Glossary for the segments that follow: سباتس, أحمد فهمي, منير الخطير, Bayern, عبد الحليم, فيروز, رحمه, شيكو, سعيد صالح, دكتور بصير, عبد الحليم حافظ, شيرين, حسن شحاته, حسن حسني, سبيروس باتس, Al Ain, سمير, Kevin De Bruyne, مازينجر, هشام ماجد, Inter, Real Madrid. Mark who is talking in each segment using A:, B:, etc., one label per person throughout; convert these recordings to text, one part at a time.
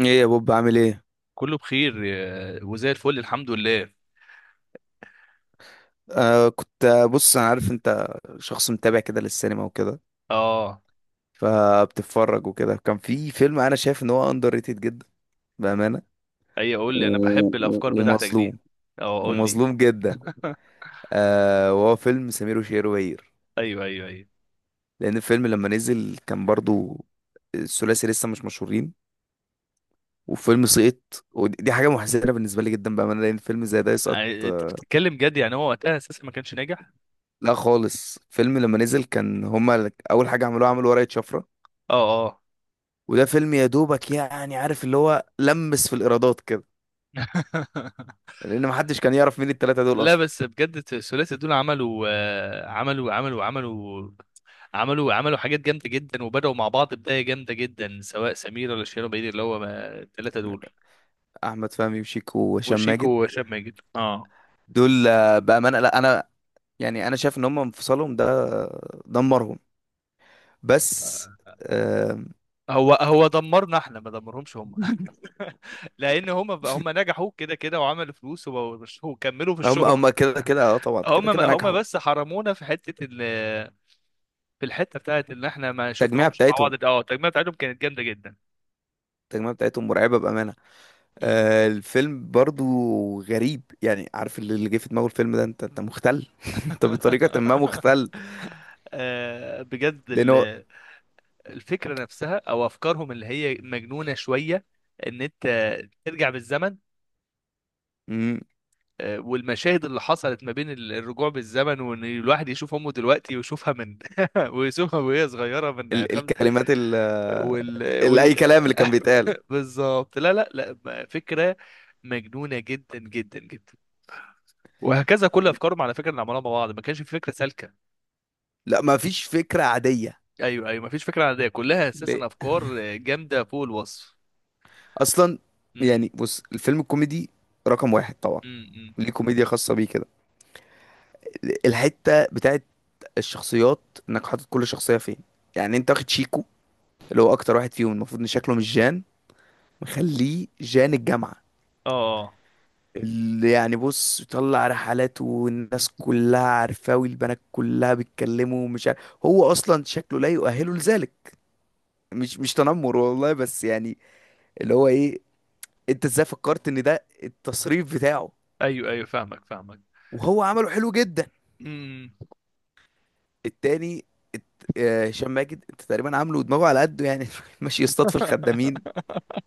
A: ايه يا بوب عامل ايه؟
B: كله بخير يا- وزي الفل الحمد لله.
A: آه كنت آه، بص، انا عارف انت شخص متابع كده للسينما وكده،
B: اه
A: فبتتفرج وكده. كان في فيلم انا شايف ان هو اندر ريتد جدا بامانه
B: ايوه قول
A: و...
B: لي، انا بحب الافكار بتاعتك دي.
A: ومظلوم،
B: اه قول لي.
A: ومظلوم جدا. وهو فيلم سمير وشهير وبهير،
B: ايوه ايوه ايوه.
A: لان الفيلم لما نزل كان برضو الثلاثي لسه مش مشهورين، وفيلم سقط. ودي حاجه محزنه بالنسبه لي جدا بامانه، لان فيلم زي ده يسقط
B: آه، انت بتتكلم جد؟ يعني هو وقتها اساسا ما كانش ناجح؟
A: لا خالص. فيلم لما نزل كان هما اول حاجه عملوها عملوا ورقه شفره،
B: اه اه.
A: وده فيلم يا دوبك يعني عارف اللي هو لمس في الإيرادات كده، لأن محدش كان يعرف مين التلاتة دول
B: لا
A: أصلا.
B: بس بجد الثلاثي دول عملوا عملوا حاجات جامده جدا، وبداوا مع بعض بدايه جامده جدا، سواء سمير ولا شيرين بعيد اللي هو ما- الثلاثه دول.
A: أحمد فهمي وشيكو وهشام
B: وشيكو
A: ماجد،
B: وهشام ماجد، اه.
A: دول بأمانة. لا، أنا يعني أنا شايف إن هم انفصالهم ده دمرهم بس. آه،
B: هو دمرنا احنا، ما دمرهمش هم. لان هم نجحوا كده كده وعملوا فلوس وبقوا- وكملوا في
A: هم
B: الشهرة.
A: هم كده كده، اه طبعا
B: هم
A: كده كده
B: هم
A: نجحوا.
B: بس حرمونا في حتة ال في الحتة بتاعت ان احنا ما
A: التجميعة
B: شفناهمش مع
A: بتاعتهم
B: بعض، اه التجميع بتاعتهم كانت جامدة جدا.
A: التجميعة بتاعتهم مرعبة بأمانة.
B: مم.
A: الفيلم برضو غريب، يعني عارف اللي جه في دماغه الفيلم ده، انت مختل انت بطريقة ما مختل،
B: آه، بجد
A: لأنه
B: ال- الفكرة نفسها او افكارهم اللي هي مجنونة شوية، ان انت ترجع بالزمن.
A: مم.
B: آه، والمشاهد اللي حصلت ما بين ال- الرجوع بالزمن، وان الواحد يشوف امه دلوقتي ويشوفها من ويشوفها وهي صغيرة من
A: ال
B: خمس.
A: الكلمات ال
B: وال
A: ال اي
B: وال
A: كلام اللي كان بيتقال.
B: بالظبط. لا ما- فكرة مجنونة جدا جدا جدا. وهكذا كل افكارهم على فكرة اللي عملوها مع بعض، ما كانش في فكرة سالكة.
A: لا ما فيش فكرة عادية.
B: ايوه ايوه، ما فيش فكرة عادية، كلها
A: ليه
B: اساسا افكار جامدة فوق الوصف.
A: اصلا؟
B: امم
A: يعني بص، الفيلم الكوميدي رقم واحد طبعا،
B: امم
A: ليه كوميديا خاصة بيه كده؟ الحتة بتاعت الشخصيات، انك حاطط كل شخصية فين. يعني انت واخد شيكو اللي هو اكتر واحد فيهم المفروض ان شكله مش جان، مخليه جان الجامعة،
B: اه. آه.
A: اللي يعني بص طلع رحلات والناس كلها عارفاه والبنات كلها بيتكلموا، ومش عارف هو اصلا شكله لا يؤهله لذلك. مش تنمر والله بس يعني اللي هو ايه، انت ازاي فكرت ان ده التصريف بتاعه؟
B: ايوه ايوه، فاهمك فاهمك.
A: وهو عمله حلو جدا.
B: امم.
A: التاني، هشام ماجد انت تقريبا عامله ودماغه على قده يعني ماشي يصطاد في الخدامين.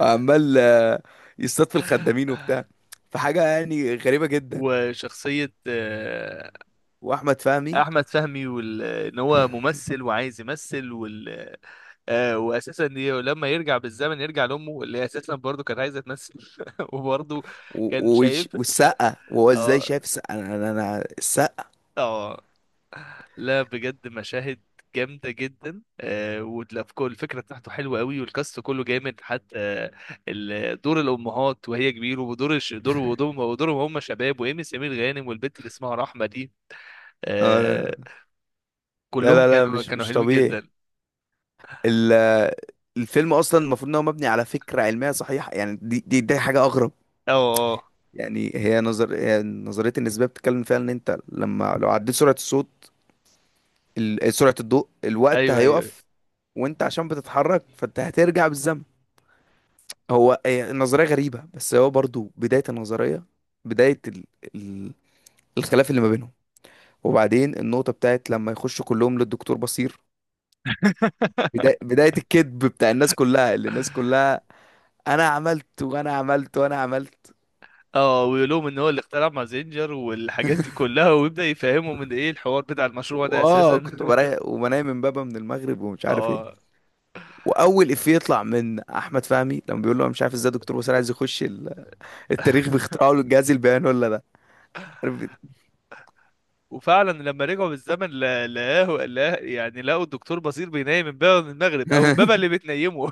A: عمال آه، يصطاد في الخدامين وبتاع، فحاجة يعني غريبة جدا.
B: وشخصية آه،
A: واحمد فهمي،
B: احمد فهمي وال... ان هو ممثل وعايز يمثل وال... آه واساسا ي- لما يرجع بالزمن يرجع لامه اللي هي اساسا برضه كانت عايزه تمثل. وبرضه كان شايف.
A: والسقا. وهو ازاي
B: اه
A: شايف السقا؟ السقا
B: اه. لا بجد مشاهد جامده جدا، آه ولا في كل الفكره بتاعته حلوه قوي، والكاست كله جامد. حتى ال- دور الامهات وهي كبيره ودور الش... دور ودورهم ودورهم هم شباب، وايمي سمير غانم والبنت اللي اسمها رحمه دي.
A: آه،
B: آه،
A: لا
B: كلهم
A: لا لا
B: كانوا
A: مش
B: كانوا حلوين
A: طبيعي.
B: جدا.
A: ال- الفيلم اصلا المفروض ان هو مبني على فكره علميه صحيحه، يعني دي حاجه اغرب.
B: اه، آه، آه.
A: يعني هي نظريه النسبيه بتتكلم فيها ان انت لو عديت سرعه سرعه الضوء الوقت
B: ايوه ايوه، أيوة.
A: هيقف، وانت عشان بتتحرك فانت هترجع بالزمن. هي النظريه غريبه، بس هو برضو بدايه النظريه، بدايه ال... ال... الخلاف اللي ما بينهم. وبعدين النقطه بتاعت لما يخشوا كلهم للدكتور بصير، بدايه بدايه الكذب بتاع الناس كلها، اللي الناس كلها: انا عملت وانا عملت وانا عملت.
B: اه ويقولهم ان هو اللي اخترع مازينجر والحاجات دي كلها، ويبدأ يفهمهم من ايه الحوار بتاع المشروع ده
A: واه
B: اساسا.
A: كنت بريق وبنام من بابا من المغرب ومش عارف ايه.
B: اه
A: واول افيه يطلع من احمد فهمي لما بيقول له: أنا مش عارف ازاي دكتور وسام عايز يخش التاريخ باختراعه للجهاز البياني ولا ده، عارف يقول
B: وفعلا لما رجعوا بالزمن لا- لقاه لا يعني لقوا الدكتور بصير بينام امبابة من المغرب، او امبابة اللي بتنيمه.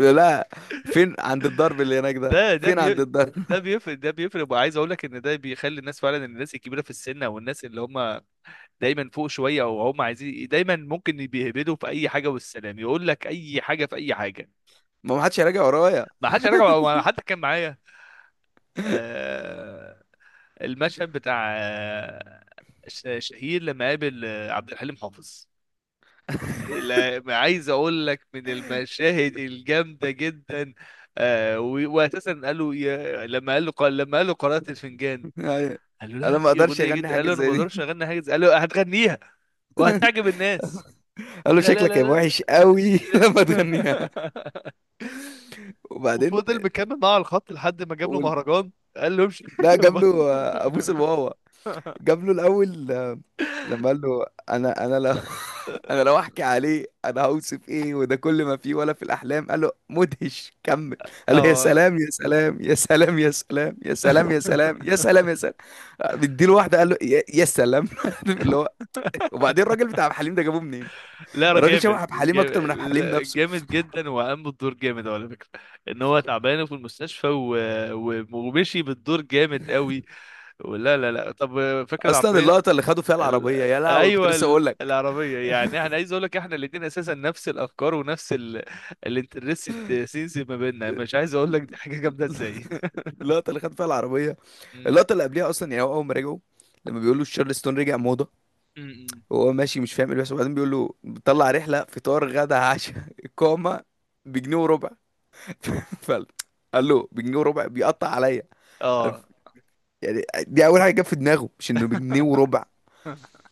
A: له. لا، فين؟ عند الضرب اللي هناك ده؟
B: ده ده
A: فين عند
B: بي
A: الضرب؟
B: ده بيفرق وعايز اقول لك ان ده بيخلي الناس فعلا، الناس الكبيره في السن او الناس اللي هم دايما فوق شويه، او هم عايزين دايما، ممكن بيهبدوا في اي حاجه والسلام، يقول لك اي حاجه في اي حاجه.
A: ما ما حدش هيراجع ورايا.
B: ما حدش رجع، ما حد كان معايا. آه المشهد بتاع آه ش- شهير لما قابل آه، عبد الحليم حافظ. لا- عايز اقول لك من المشاهد الجامده جدا. آه و- واساسا قال له يا- لما قال له قارئة الفنجان،
A: يعني
B: قال له لا
A: انا ما
B: دي
A: اقدرش
B: اغنيه
A: اغني
B: جدا، قال
A: حاجه
B: له انا ما
A: زي دي.
B: اقدرش اغني حاجه زي- قال له هتغنيها وهتعجب الناس.
A: قال له:
B: لا لا
A: شكلك
B: لا
A: هيبقى
B: لا،
A: وحش
B: لا.
A: قوي لما تغنيها. وبعدين
B: وفضل مكمل معاه على الخط لحد ما جاب له
A: وال-
B: مهرجان، قال له امشي.
A: لا، جاب له ابوس الواوا. جاب له الاول لما قال له: انا انا لو انا لو احكي عليه انا هوصف ايه وده كل ما فيه ولا في الاحلام. قال له: مدهش كمل. قال له: يا
B: اه.
A: سلام يا سلام يا سلام يا سلام يا سلام يا سلام يا سلام يا سلام. مديله واحده قال له: يا سلام عارف اللي هو. وبعدين الراجل بتاع عبد الحليم ده جابوه منين؟
B: لا
A: الراجل شبه
B: جامد
A: عبد الحليم
B: جامد،
A: اكتر من عبد الحليم
B: لا،
A: نفسه.
B: جامد جدا، وقام بالدور جامد على فكره. ان هو تعبان في المستشفى و... و... ومشي بالدور جامد قوي. ولا لا لا، طب فاكر
A: اصلا
B: العربيه؟
A: اللقطه اللي خدوا فيها العربيه
B: ال...
A: يا لهوي، كنت
B: ايوه
A: لسه
B: ال...
A: اقول لك
B: العربيه، يعني انا عايز اقول لك احنا الاثنين اساسا نفس الافكار ونفس ال... الانترستد سينز ما بيننا، مش عايز اقول لك دي حاجه جامده ازاي.
A: اللقطه اللي خدوا فيها العربيه.
B: م-
A: اللقطه اللي قبلها اصلا، يعني هو اول ما رجعوا لما بيقولوا تشارلستون رجع موضه،
B: م- م.
A: وهو ماشي مش فاهم ايه اللي بيحصل. وبعدين بيقول له بيطلع رحله فطار غدا عشاء اقامه بجنيه وربع. فقال، قال له: بجنيه وربع بيقطع عليا،
B: اه.
A: عارف يعني. دي اول حاجه جت في دماغه مش انه بجنيه وربع.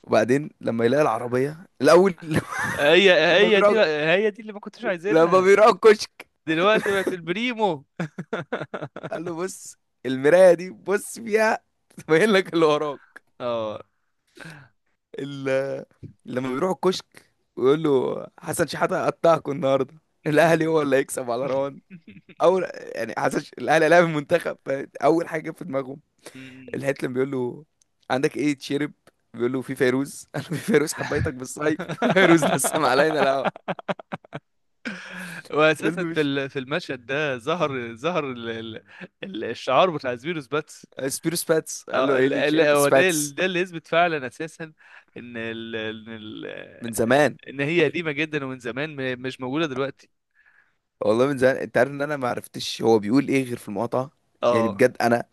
A: وبعدين لما يلاقي العربيه الاول.
B: هي
A: لما
B: هي دي
A: بيراجع،
B: هي دي اللي ما كنتش
A: لما
B: عايزينها.
A: بيراجع الكشك
B: دلوقتي بقت البريمو.
A: قال له: بص المرايه دي بص فيها تبين لك اللي وراك.
B: اه.
A: ال- لما بيروح الكشك ويقول له: حسن شحاته قطعكوا النهارده، الاهلي
B: مم.
A: هو اللي هيكسب على روان. اول يعني الاهلي لعب المنتخب، فاول حاجه جت في دماغهم.
B: مم.
A: الهيتلر بيقول له: عندك ايه تشرب؟ بيقول له: في فيروز قال له: في فيروز حبيتك بالصيف فيروز نسم علينا لا فيلم
B: واساسا في
A: مش.
B: ال- في المشهد ده ظهر ظهر ال- الشعار بتاع سبيروس باتس.
A: سبيرو سباتس قال له:
B: اه
A: ايه
B: ال-
A: اللي
B: ال-
A: تشرب؟
B: هو ده،
A: سباتس
B: ده اللي يثبت فعلا اساسا ان ال
A: من زمان.
B: ان هي قديمه جدا، ومن زمان م- مش موجوده دلوقتي.
A: والله من زمان انت عارف ان انا ما عرفتش هو بيقول ايه غير في المقاطعه. يعني
B: اه
A: بجد انا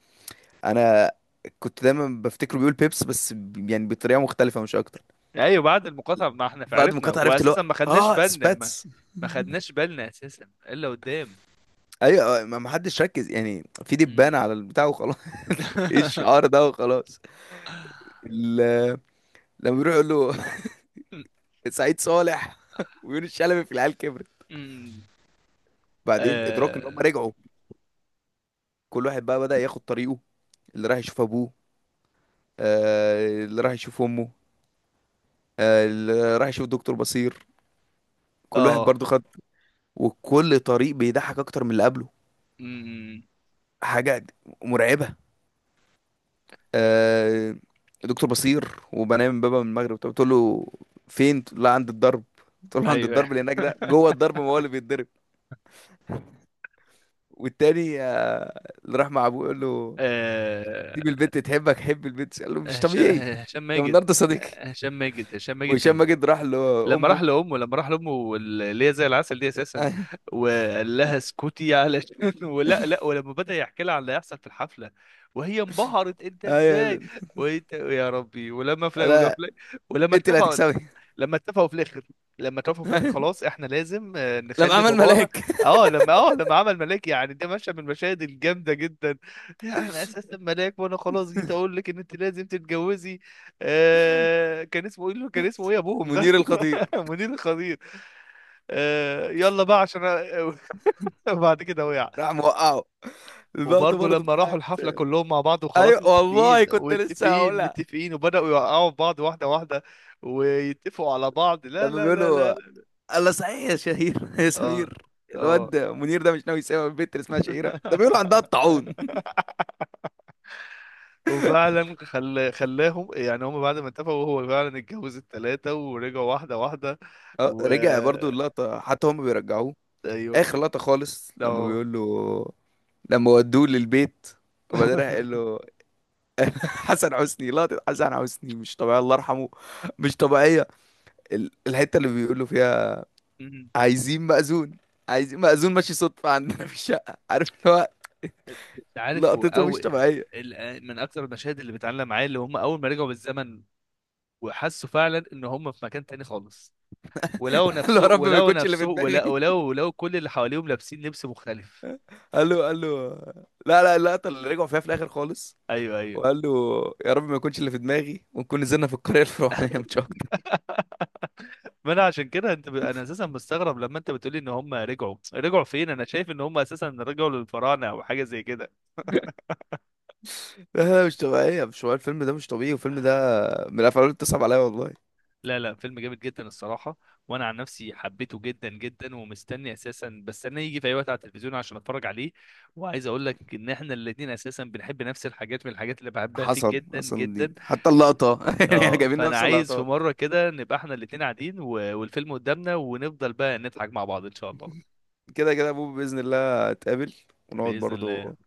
A: انا كنت دايما بفتكره بيقول بيبس، يعني بطريقه مختلفه مش اكتر.
B: ايوه بعد المقاطعه ما احنا
A: بعد ما
B: عرفنا،
A: المقاطعه عرفت اللي هو
B: واساسا ما خدناش
A: اه
B: بالنا ما,
A: سباتس.
B: ما خدناش بالنا اساسا الا قدام.
A: ايوه، ما حدش ركز يعني، في دبانه على البتاع وخلاص، ايه الشعار ده وخلاص. ال- لما بيروح يقول له سعيد صالح ويونس شلبي في العيال كبرت.
B: أمم.
A: بعدين ادراك ان
B: اه.
A: هم رجعوا، كل واحد بقى بدأ ياخد طريقه: اللي راح يشوف ابوه، اللي راح يشوف امه، اللي راح يشوف دكتور بصير. كل واحد
B: آه.
A: برضو خد، وكل طريق بيضحك اكتر من اللي قبله.
B: أمم.
A: حاجة مرعبة. آه، دكتور بصير وبنام من بابا من المغرب، طب بتقول له فين؟ لا عند الضرب. تقول له عند
B: ايوه
A: الضرب اللي هناك ده، جوه الضرب ما هو اللي بيتضرب. والتاني اللي راح مع ابوه يقول له:
B: آه،
A: سيب البنت تحبك حب البنت. قال له: مش
B: هشام
A: طبيعي
B: هشام
A: ده من
B: ماجد
A: النهارده صديقي.
B: هشام ماجد
A: وهشام
B: كان
A: ماجد راح
B: لما راح
A: لامه.
B: لامه، لما راح لامه اللي هي زي العسل دي اساسا،
A: ايوه،
B: وقال لها اسكتي علشان. ولا لا، ولما بدأ يحكي لها عن اللي هيحصل في الحفله وهي انبهرت انت ازاي،
A: أيوة.
B: وانت يا ربي. ولما فلا ولما
A: انا،
B: فلا ولما
A: انت اللي
B: اتفقوا
A: هتكسبي.
B: لما اتفقوا في الاخر لما اتفقوا في الاخر
A: أيوة.
B: خلاص احنا لازم آه،
A: لما
B: نخلي
A: عمل
B: بابانا.
A: ملاك
B: اه لما اه لما عمل ملاك، يعني ده مشهد من المشاهد الجامده جدا. يعني انا اساسا ملاك وانا خلاص جيت اقول لك ان انت لازم تتجوزي. آه كان اسمه ايه؟ كان اسمه ايه ابوهم ده؟
A: منير الخطير،
B: منير الخطير. آه يلا بقى عشان أ-. بعد كده وقع.
A: راح موقعه. اللقطه
B: وبرضه
A: برضه
B: لما راحوا
A: بتاعت،
B: الحفله كلهم مع بعض، وخلاص
A: ايوه والله
B: متفقين
A: كنت لسه
B: متفقين
A: هقولها،
B: متفقين، وبداوا يوقعوا في بعض واحده واحده، ويتفقوا على بعض. لا
A: لما
B: لا لا لا.
A: بيقولوا: الله صحيح يا شهير يا
B: اه
A: سمير،
B: اه.
A: الواد منير ده مش ناوي يسيب البنت اللي اسمها شهيره ده، بيقولوا عندها الطاعون.
B: وفعلا خل... خلاهم، يعني هم بعد ما اتفقوا، هو فعلا اتجوز التلاتة ورجعوا واحدة واحدة. و
A: رجع برضو اللقطه، حتى هم بيرجعوه.
B: ايوه.
A: اخر لقطه خالص لما
B: اه.
A: بيقول له، لما ودوه للبيت، وبعدين راح قال له. حسن حسني، لقطه حسن حسني مش طبيعيه، الله يرحمه، مش طبيعيه. الحته اللي بيقول له فيها:
B: مم.
A: عايزين مأذون. ماشي صدفه عندنا في الشقه، عارف اللي هو،
B: انت عارف هو
A: لقطته
B: او
A: مش طبيعيه.
B: ال- من اكتر المشاهد اللي بتعلم معايا اللي هم اول ما رجعوا بالزمن، وحسوا فعلا ان هم في مكان تاني خالص. ولو
A: قال له:
B: نفسه
A: يا رب ما
B: ولو
A: يكونش اللي في
B: نفسه
A: دماغي.
B: ولو ولو ولو كل اللي حواليهم لابسين لبس مختلف.
A: قال له لا لا، اللقطه اللي رجعوا فيها في الاخر خالص،
B: ايوه ايوه.
A: وقال له: يا رب ما يكونش اللي في دماغي ونكون نزلنا في القريه الفرعونيه مش اكتر.
B: ما انا عشان كده انت ب... انا اساسا مستغرب لما انت بتقولي ان هم رجعوا فين، انا شايف ان هم اساسا رجعوا للفراعنه او حاجه زي كده.
A: لا لا، مش طبيعية، مش طبيعية. الفيلم ده مش طبيعي، والفيلم ده من الافلام اللي بتصعب عليا والله.
B: لا لا فيلم جامد جدا الصراحه. وانا عن نفسي حبيته جدا جدا، ومستني اساسا بستناه يجي في اي وقت على التلفزيون عشان اتفرج عليه. وعايز اقول لك ان احنا الاتنين اساسا بنحب نفس الحاجات، من الحاجات اللي بحبها فيه
A: حصل
B: جدا
A: حصل الدين
B: جدا.
A: حتى اللقطه يعني احنا
B: اه
A: جايبين
B: فانا
A: نفس
B: عايز في
A: اللقطات.
B: مره كده نبقى احنا الاتنين قاعدين و... والفيلم قدامنا، ونفضل بقى نضحك مع بعض ان شاء الله.
A: كده كده ابوه باذن الله هتقابل ونقعد
B: باذن الله.
A: برضو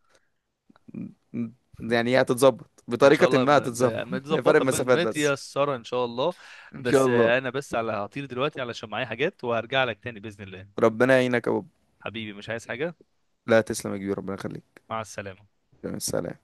A: ن- يعني هي هتتظبط،
B: ان شاء
A: بطريقه
B: الله.
A: ما هتتظبط فرق
B: متظبطه
A: المسافات بس.
B: متيسره ان شاء الله.
A: ان شاء
B: بس
A: الله.
B: آه، انا بس على هطير دلوقتي علشان معايا حاجات، وهرجع لك تاني باذن الله.
A: ربنا يعينك يا بوب.
B: حبيبي مش عايز حاجه.
A: لا تسلم يا كبير، ربنا يخليك.
B: مع السلامه.
A: سلام.